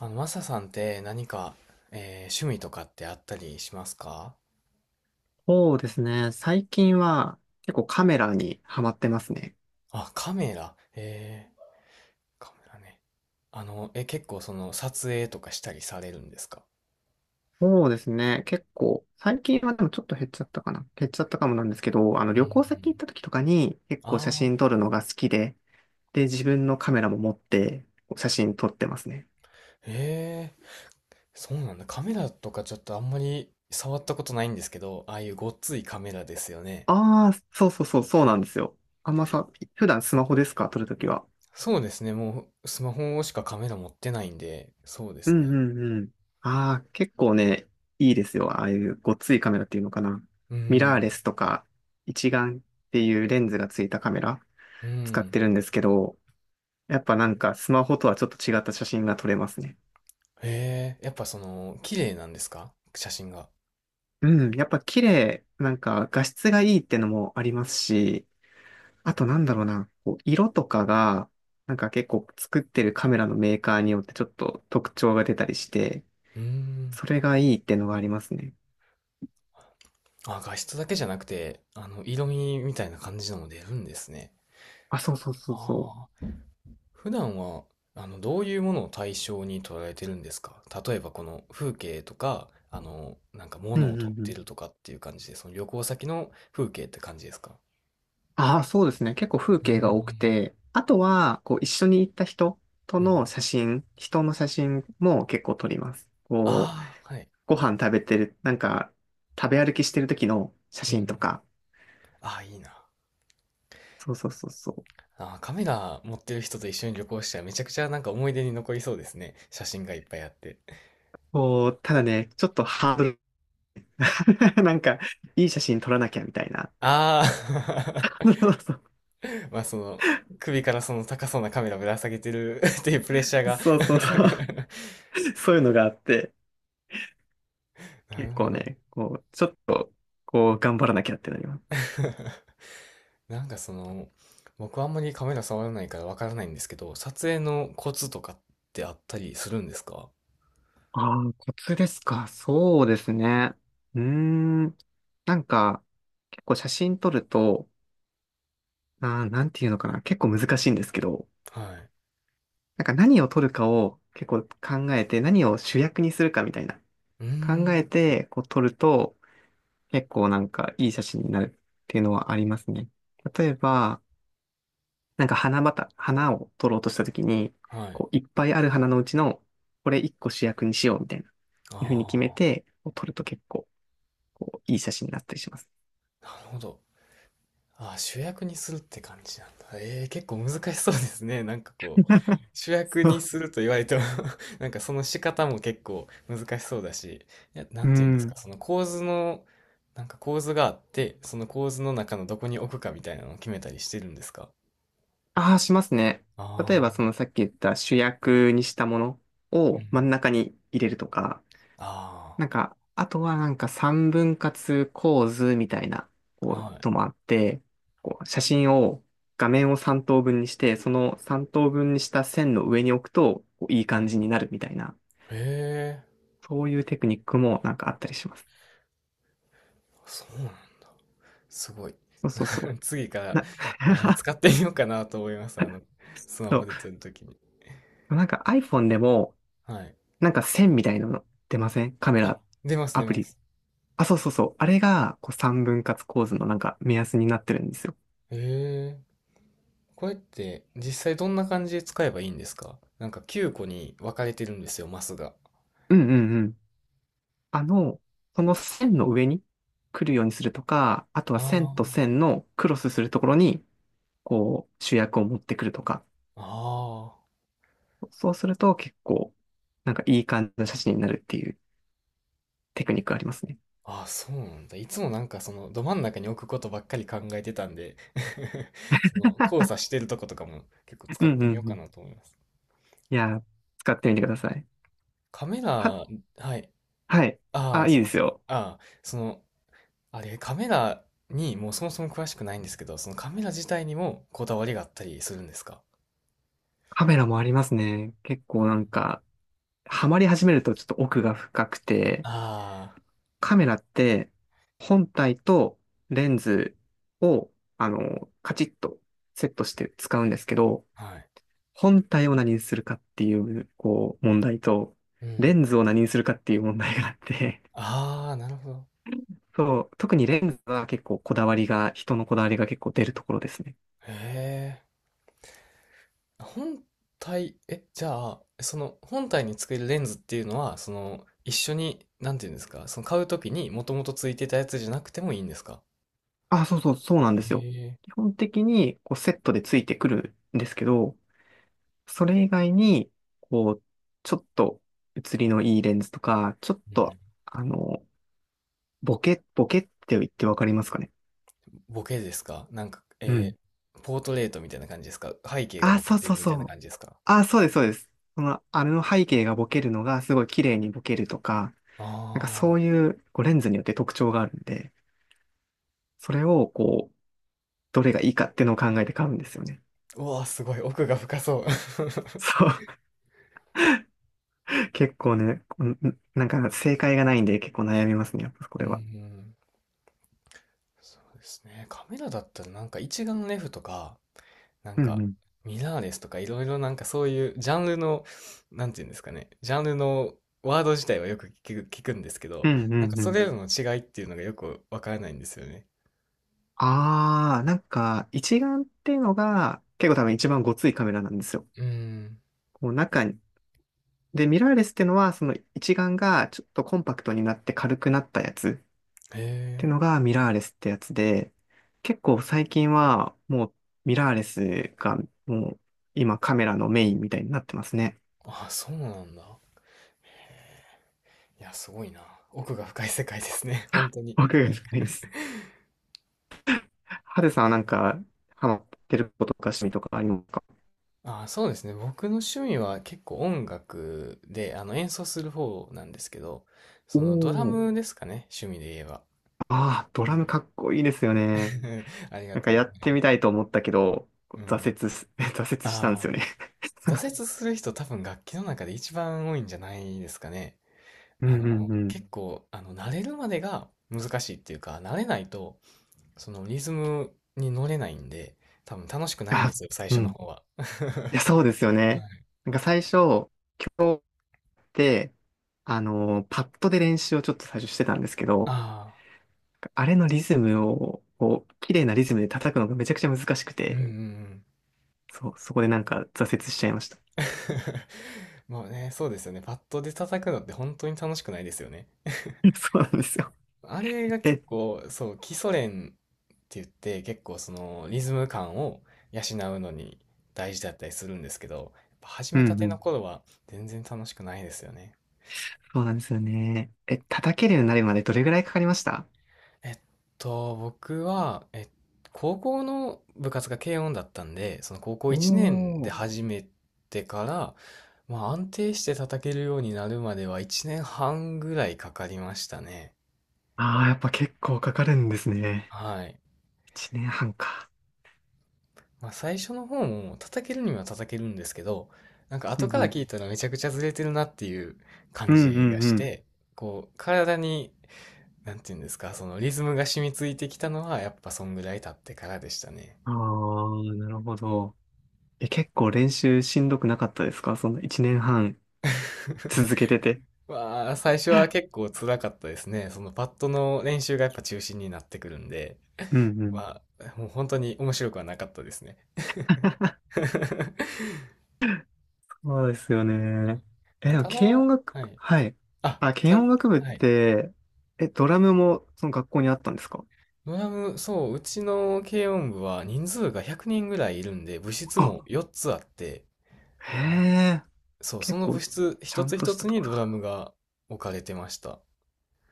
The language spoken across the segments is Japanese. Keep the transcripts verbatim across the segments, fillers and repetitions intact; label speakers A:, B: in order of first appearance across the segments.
A: あの、マサさんって何か、えー趣味とかってあったりしますか？
B: そうですね。最近は結構カメラにハマってますね。
A: あ、カメラ。えー、カメラね。あの、え、結構その撮影とかしたりされるんですか？
B: そうですね。結構、最近はでもちょっと減っちゃったかな。減っちゃったかもなんですけど、あの
A: うん、う
B: 旅行先行
A: ん、
B: った時とかに結構写
A: あ
B: 真
A: あ、
B: 撮るのが好きで、で、自分のカメラも持って写真撮ってますね。
A: ええ、そうなんだ。カメラとかちょっとあんまり触ったことないんですけど、ああいうごっついカメラですよね。
B: ああ、そうそうそう、そうなんですよ。あんまさ、普段スマホですか撮るときは。
A: そうですね。もうスマホしかカメラ持ってないんで、そうで
B: う
A: す
B: ん
A: ね。
B: うんうん。ああ、結構ね、いいですよ。ああいうごっついカメラっていうのかな。
A: う
B: ミラー
A: ん、
B: レスとか、一眼っていうレンズがついたカメラ。
A: う
B: 使っ
A: ん。
B: てるんですけど、やっぱなんかスマホとはちょっと違った写真が撮れますね。
A: ええ、やっぱその、綺麗なんですか、写真が？
B: うん、やっぱ綺麗、なんか画質がいいってのもありますし、あとなんだろうな、こう色とかが、なんか結構作ってるカメラのメーカーによってちょっと特徴が出たりして、
A: うん。
B: それがいいってのがありますね。
A: あ、画質だけじゃなくて、あの、色味みたいな感じのも出るんですね。
B: あ、そうそうそうそ
A: ああ。普段は、あの、どういうものを対象に捉えてるんですか？例えばこの風景とか、あの、なんか
B: う。う
A: 物を
B: ん
A: 撮っ
B: うんう
A: て
B: ん。
A: るとかっていう感じで、その旅行先の風景って感じですか？
B: ああ、そうですね。結構風景が多く
A: う
B: て、あとは、こう一緒に行った人と
A: ん、う
B: の
A: ん。
B: 写真、人の写真も結構撮ります。こう、
A: ああ、はい。
B: ご飯食べてる、なんか、食べ歩きしてる時の写
A: う
B: 真
A: ん。
B: とか。
A: ああ、いいな。
B: そうそうそうそう。
A: ああ、カメラ持ってる人と一緒に旅行したらめちゃくちゃなんか思い出に残りそうですね。写真がいっぱいあって。
B: こう、ただね、ちょっとハードルが なんか、いい写真撮らなきゃみたいな。
A: ああ。 まあその、首からその高そうなカメラぶら下げてる っていうプレッシャーが。
B: そうそうそう。そうそうそう。そういうのがあって、
A: なる
B: 結
A: ほ
B: 構
A: ど。
B: ね、こう、ちょっと、こう、頑張らなきゃってなります。
A: なんかその、僕あんまりカメラ触らないからわからないんですけど、撮影のコツとかってあったりするんですか？
B: ああ、コツですか。そうですね。うーん。なんか、結構写真撮ると、あー、なんていうのかな。結構難しいんですけど、
A: はい。
B: なんか何を取るかを結構考えて、何を主役にするかみたいな
A: うー
B: 考え
A: ん。
B: てこう撮ると結構なんかいい写真になるっていうのはありますね。例えば、なんか花畑、花を撮ろうとした時に、
A: はい。
B: こういっぱいある花のうちのこれ一個主役にしようみたいな、
A: あ
B: いうふうに決めてこう撮ると結構こういい写真になったりします。
A: あ、なるほど。ああ、主役にするって感じなんだ。ええ、結構難しそうですね。なんかこう、主役
B: そ
A: に
B: う。
A: すると言われても。 なんかその仕方も結構難しそうだし、いや、な
B: う
A: んて言うんですか、
B: ん。
A: その構図の、なんか構図があって、その構図の中のどこに置くかみたいなのを決めたりしてるんですか？
B: ああ、しますね。例えば
A: あ
B: その
A: あ、
B: さっき言った主役にしたもの
A: うん。
B: を真ん中に入れるとか、
A: あ
B: なんか、あとはなんか三分割構図みたいな
A: あ、
B: こう
A: はい。
B: のもあって、こう写真を画面を三等分にして、その三等分にした線の上に置くとこういい感じになるみたいな、
A: ええ、
B: そういうテクニックもなんかあったりします。
A: そうなんだ。すごい。
B: そうそうそ
A: 次か
B: う。
A: ら、
B: な、
A: はい、 使ってみようかなと思います。あの、スマホ
B: そ
A: で撮るときに。
B: う。なんか iPhone でも
A: はい。
B: なんか線みたいなの出ませんカメ
A: あ、
B: ラ、
A: 出ます、
B: ア
A: 出
B: プ
A: ま
B: リ。
A: す。
B: あ、そうそうそう。あれがこう三分割構図のなんか目安になってるんですよ。
A: へえ。これって実際どんな感じで使えばいいんですか？なんかきゅうこに分かれてるんですよ、マスが。
B: うんうんうん。あの、その線の上に来るようにするとか、あとは
A: あ
B: 線と線のクロスするところに、こう、主役を持ってくるとか、
A: あ、ああ。
B: そうすると結構、なんかいい感じの写真になるっていうテクニックありますね。
A: あ、そうなんだ。いつもなんかそのど真ん中に置くことばっかり考えてたんで、 その交差してるとことかも結構
B: う
A: 使っ
B: んうん
A: てみよう
B: う
A: か
B: ん。
A: なと思います。
B: いやー、使ってみてください。
A: カメ
B: は、
A: ラ、はい。
B: はい。
A: あ
B: あ、
A: あ、
B: いい
A: す
B: で
A: みま
B: す
A: せん。
B: よ。
A: ああ、その、あれ、カメラにもうそもそも詳しくないんですけど、そのカメラ自体にもこだわりがあったりするんですか？
B: カメラもありますね。結
A: う
B: 構な
A: ん、
B: んか、ハマり始めるとちょっと奥が深くて、
A: ああ、
B: カメラって本体とレンズを、あの、カチッとセットして使うんですけど、
A: はい。
B: 本体を何にするかっていう、こう、問題と、
A: う
B: レ
A: ん。
B: ンズを何にするかっていう問題があって、
A: ああ、なるほど。
B: そう、特にレンズは結構こだわりが、人のこだわりが結構出るところですね。
A: へえ。本体、え、じゃあ、その本体につけるレンズっていうのは、その一緒に、なんていうんですか、その買うときにもともとついてたやつじゃなくてもいいんですか？
B: あ、そうそう、そうなんで
A: え
B: すよ。
A: え。
B: 基本的にこうセットでついてくるんですけど、それ以外に、こう、ちょっと写りのいいレンズとか、ちょっ
A: う
B: と、
A: ん。
B: あの、ボケ、ボケって言ってわかりますかね。
A: ボケですか？なんか、
B: うん。
A: えー、ポートレートみたいな感じですか、背景が
B: あ、
A: ボケ
B: そう
A: て
B: そう
A: るみ
B: そ
A: たいな
B: う。
A: 感じですか？
B: あ、そうです、そうです。その、あれの背景がボケるのがすごい綺麗にボケるとか、なんかそ
A: あ
B: ういうこうレンズによって特徴があるんで、それをこう、どれがいいかっていうのを考えて買うんですよね。
A: あ、うわ、すごい。奥が深そう。
B: そう。結構ね、こんなんか正解がないんで結構悩みますね、やっぱこ
A: うん、
B: れ
A: う
B: は。
A: ん。そうですね。カメラだったらなんか一眼レフとか、なん
B: うんう
A: か、
B: ん。
A: ミラーレスとかいろいろなんかそういうジャンルの、なんていうんですかね、ジャンルのワード自体はよく聞く、聞くんですけ
B: う
A: ど、
B: んう
A: なんか
B: んう
A: そ
B: ん。
A: れらの違いっていうのがよくわからないんですよね。
B: あー、なんか一眼っていうのが結構多分一番ごついカメラなんですよ。
A: うーん。
B: こう中に、で、ミラーレスってのは、その一眼がちょっとコンパクトになって軽くなったやつっ
A: へ
B: て
A: え。
B: のがミラーレスってやつで、結構最近はもうミラーレスがもう今カメラのメインみたいになってますね。
A: あ、そうなんだ。いや、すごいな。奥が深い世界ですね。本当に。
B: 僕が深いです。ハデさんはなんかハマってることとか趣味とかありますか？
A: あ、そうですね。僕の趣味は結構音楽で、あの、演奏する方なんですけど、
B: お
A: そのドラ
B: おー。
A: ムですかね。趣味で言えば。
B: ああ、ドラムかっこいいですよね。
A: ありが
B: なんか
A: とう
B: や
A: ござ
B: っ
A: い
B: て
A: ま
B: みた
A: す。
B: いと思ったけど、
A: う
B: 挫
A: ん。
B: 折す、挫折したんで
A: ああ。
B: すよね。
A: 挫折する人、多分楽器の中で一番多いんじゃないですかね。
B: う
A: あ
B: んうん
A: の、
B: うん。
A: 結構、あの、慣れるまでが難しいっていうか、慣れないと、そのリズムに乗れないんで、多分楽しくないんで
B: あ、
A: すよ、最
B: う
A: 初の
B: ん
A: 方は。
B: いや、そうですよ
A: は
B: ね。
A: い、
B: なんか最初、今日って、あのーパッドで練習をちょっと最初してたんですけど、
A: あ
B: あれのリズムを、こう、綺麗なリズムで叩くのがめちゃくちゃ難しく
A: あ、うん、う
B: て、
A: ん、うん。
B: そう、そこでなんか挫折しちゃいました。
A: もうね、そうですよね。パッドで叩くのって本当に楽しくないですよね。
B: そうなんですよ。
A: あれが 結
B: え、
A: 構、そう、基礎練って言って、結構そのリズム感を養うのに大事だったりするんですけど、やっぱ始
B: う
A: めた
B: んう
A: ての
B: ん。
A: 頃は全然楽しくないですよね。
B: そうなんですよね。え、叩けるようになるまでどれぐらいかかりました？
A: えっと、僕は、え、高校の部活が軽音だったんで、その高校いちねん
B: お
A: で
B: ー。
A: 始めてから、まあ安定して叩けるようになるまではいちねんはんぐらいかかりましたね。
B: ああ、やっぱ結構かかるんですね。
A: はい。
B: いちねんはんか。
A: まあ、最初の方も叩けるには叩けるんですけど、なんか
B: う
A: 後
B: ん
A: か
B: う
A: ら
B: ん。
A: 聞いたらめちゃくちゃずれてるなっていう
B: う
A: 感
B: んうん
A: じがし
B: うん。
A: て、こう、体に、なんていうんですか、そのリズムが染みついてきたのはやっぱそんぐらい経ってからでしたね。
B: ああ、なるほど。え、結構練習しんどくなかったですかそのいちねんはん続けてて。
A: わあ、最初は結構辛かったですね。そのパッドの練習がやっぱ中心になってくるんで、
B: うんうん。
A: まあ、もう本当に面白くはなかったですね。
B: そうですよね。
A: ま
B: え、
A: あ、
B: でも
A: ただ、
B: 軽音楽
A: は
B: 部、
A: い。
B: はい。
A: あ、
B: あ、軽
A: た、
B: 音楽部っ
A: はい。
B: て、え、ドラムもその学校にあったんですか？
A: ドラム、そう、うちの軽音部は人数がひゃくにんぐらいいるんで、部室
B: あ、
A: もよっつあって、
B: へ
A: はい、
B: え、
A: そう、そ
B: 結
A: の部
B: 構
A: 室
B: ち
A: 一
B: ゃん
A: つ
B: と
A: 一
B: した
A: つ
B: と
A: に
B: ころ
A: ドラ
B: だ。
A: ムが置かれてました。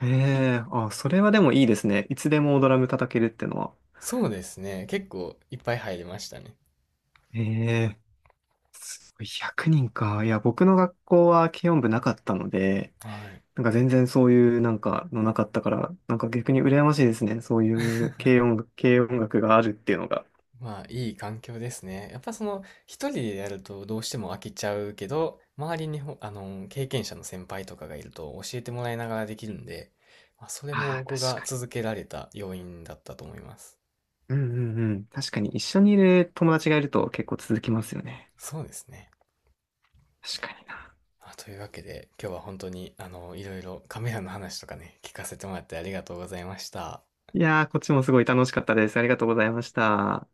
B: へえ、あ、それはでもいいですね。いつでもドラム叩けるってのは。
A: そうですね、結構いっぱい入りましたね。
B: へえ、すごいひゃくにんか。いや、僕の学校は軽音部なかったので、
A: はい。
B: なんか全然そういうなんかのなかったから、なんか逆に羨ましいですね。そういう軽音楽、軽音楽があるっていうのが。
A: まあ、いい環境ですね。やっぱその、一人でやるとどうしても飽きちゃうけど、周りにほ、あの、経験者の先輩とかがいると教えてもらいながらできるんで、まあ、それも
B: ああ、
A: 僕
B: 確
A: が
B: かに。
A: 続けられた要因だったと思います。
B: うんうんうん。確かに一緒にいる友達がいると結構続きますよね。
A: そうですね。
B: 確かにな。
A: あ、というわけで、今日は本当に、あの、いろいろカメラの話とかね、聞かせてもらってありがとうございました。
B: いやー、こっちもすごい楽しかったです。ありがとうございました。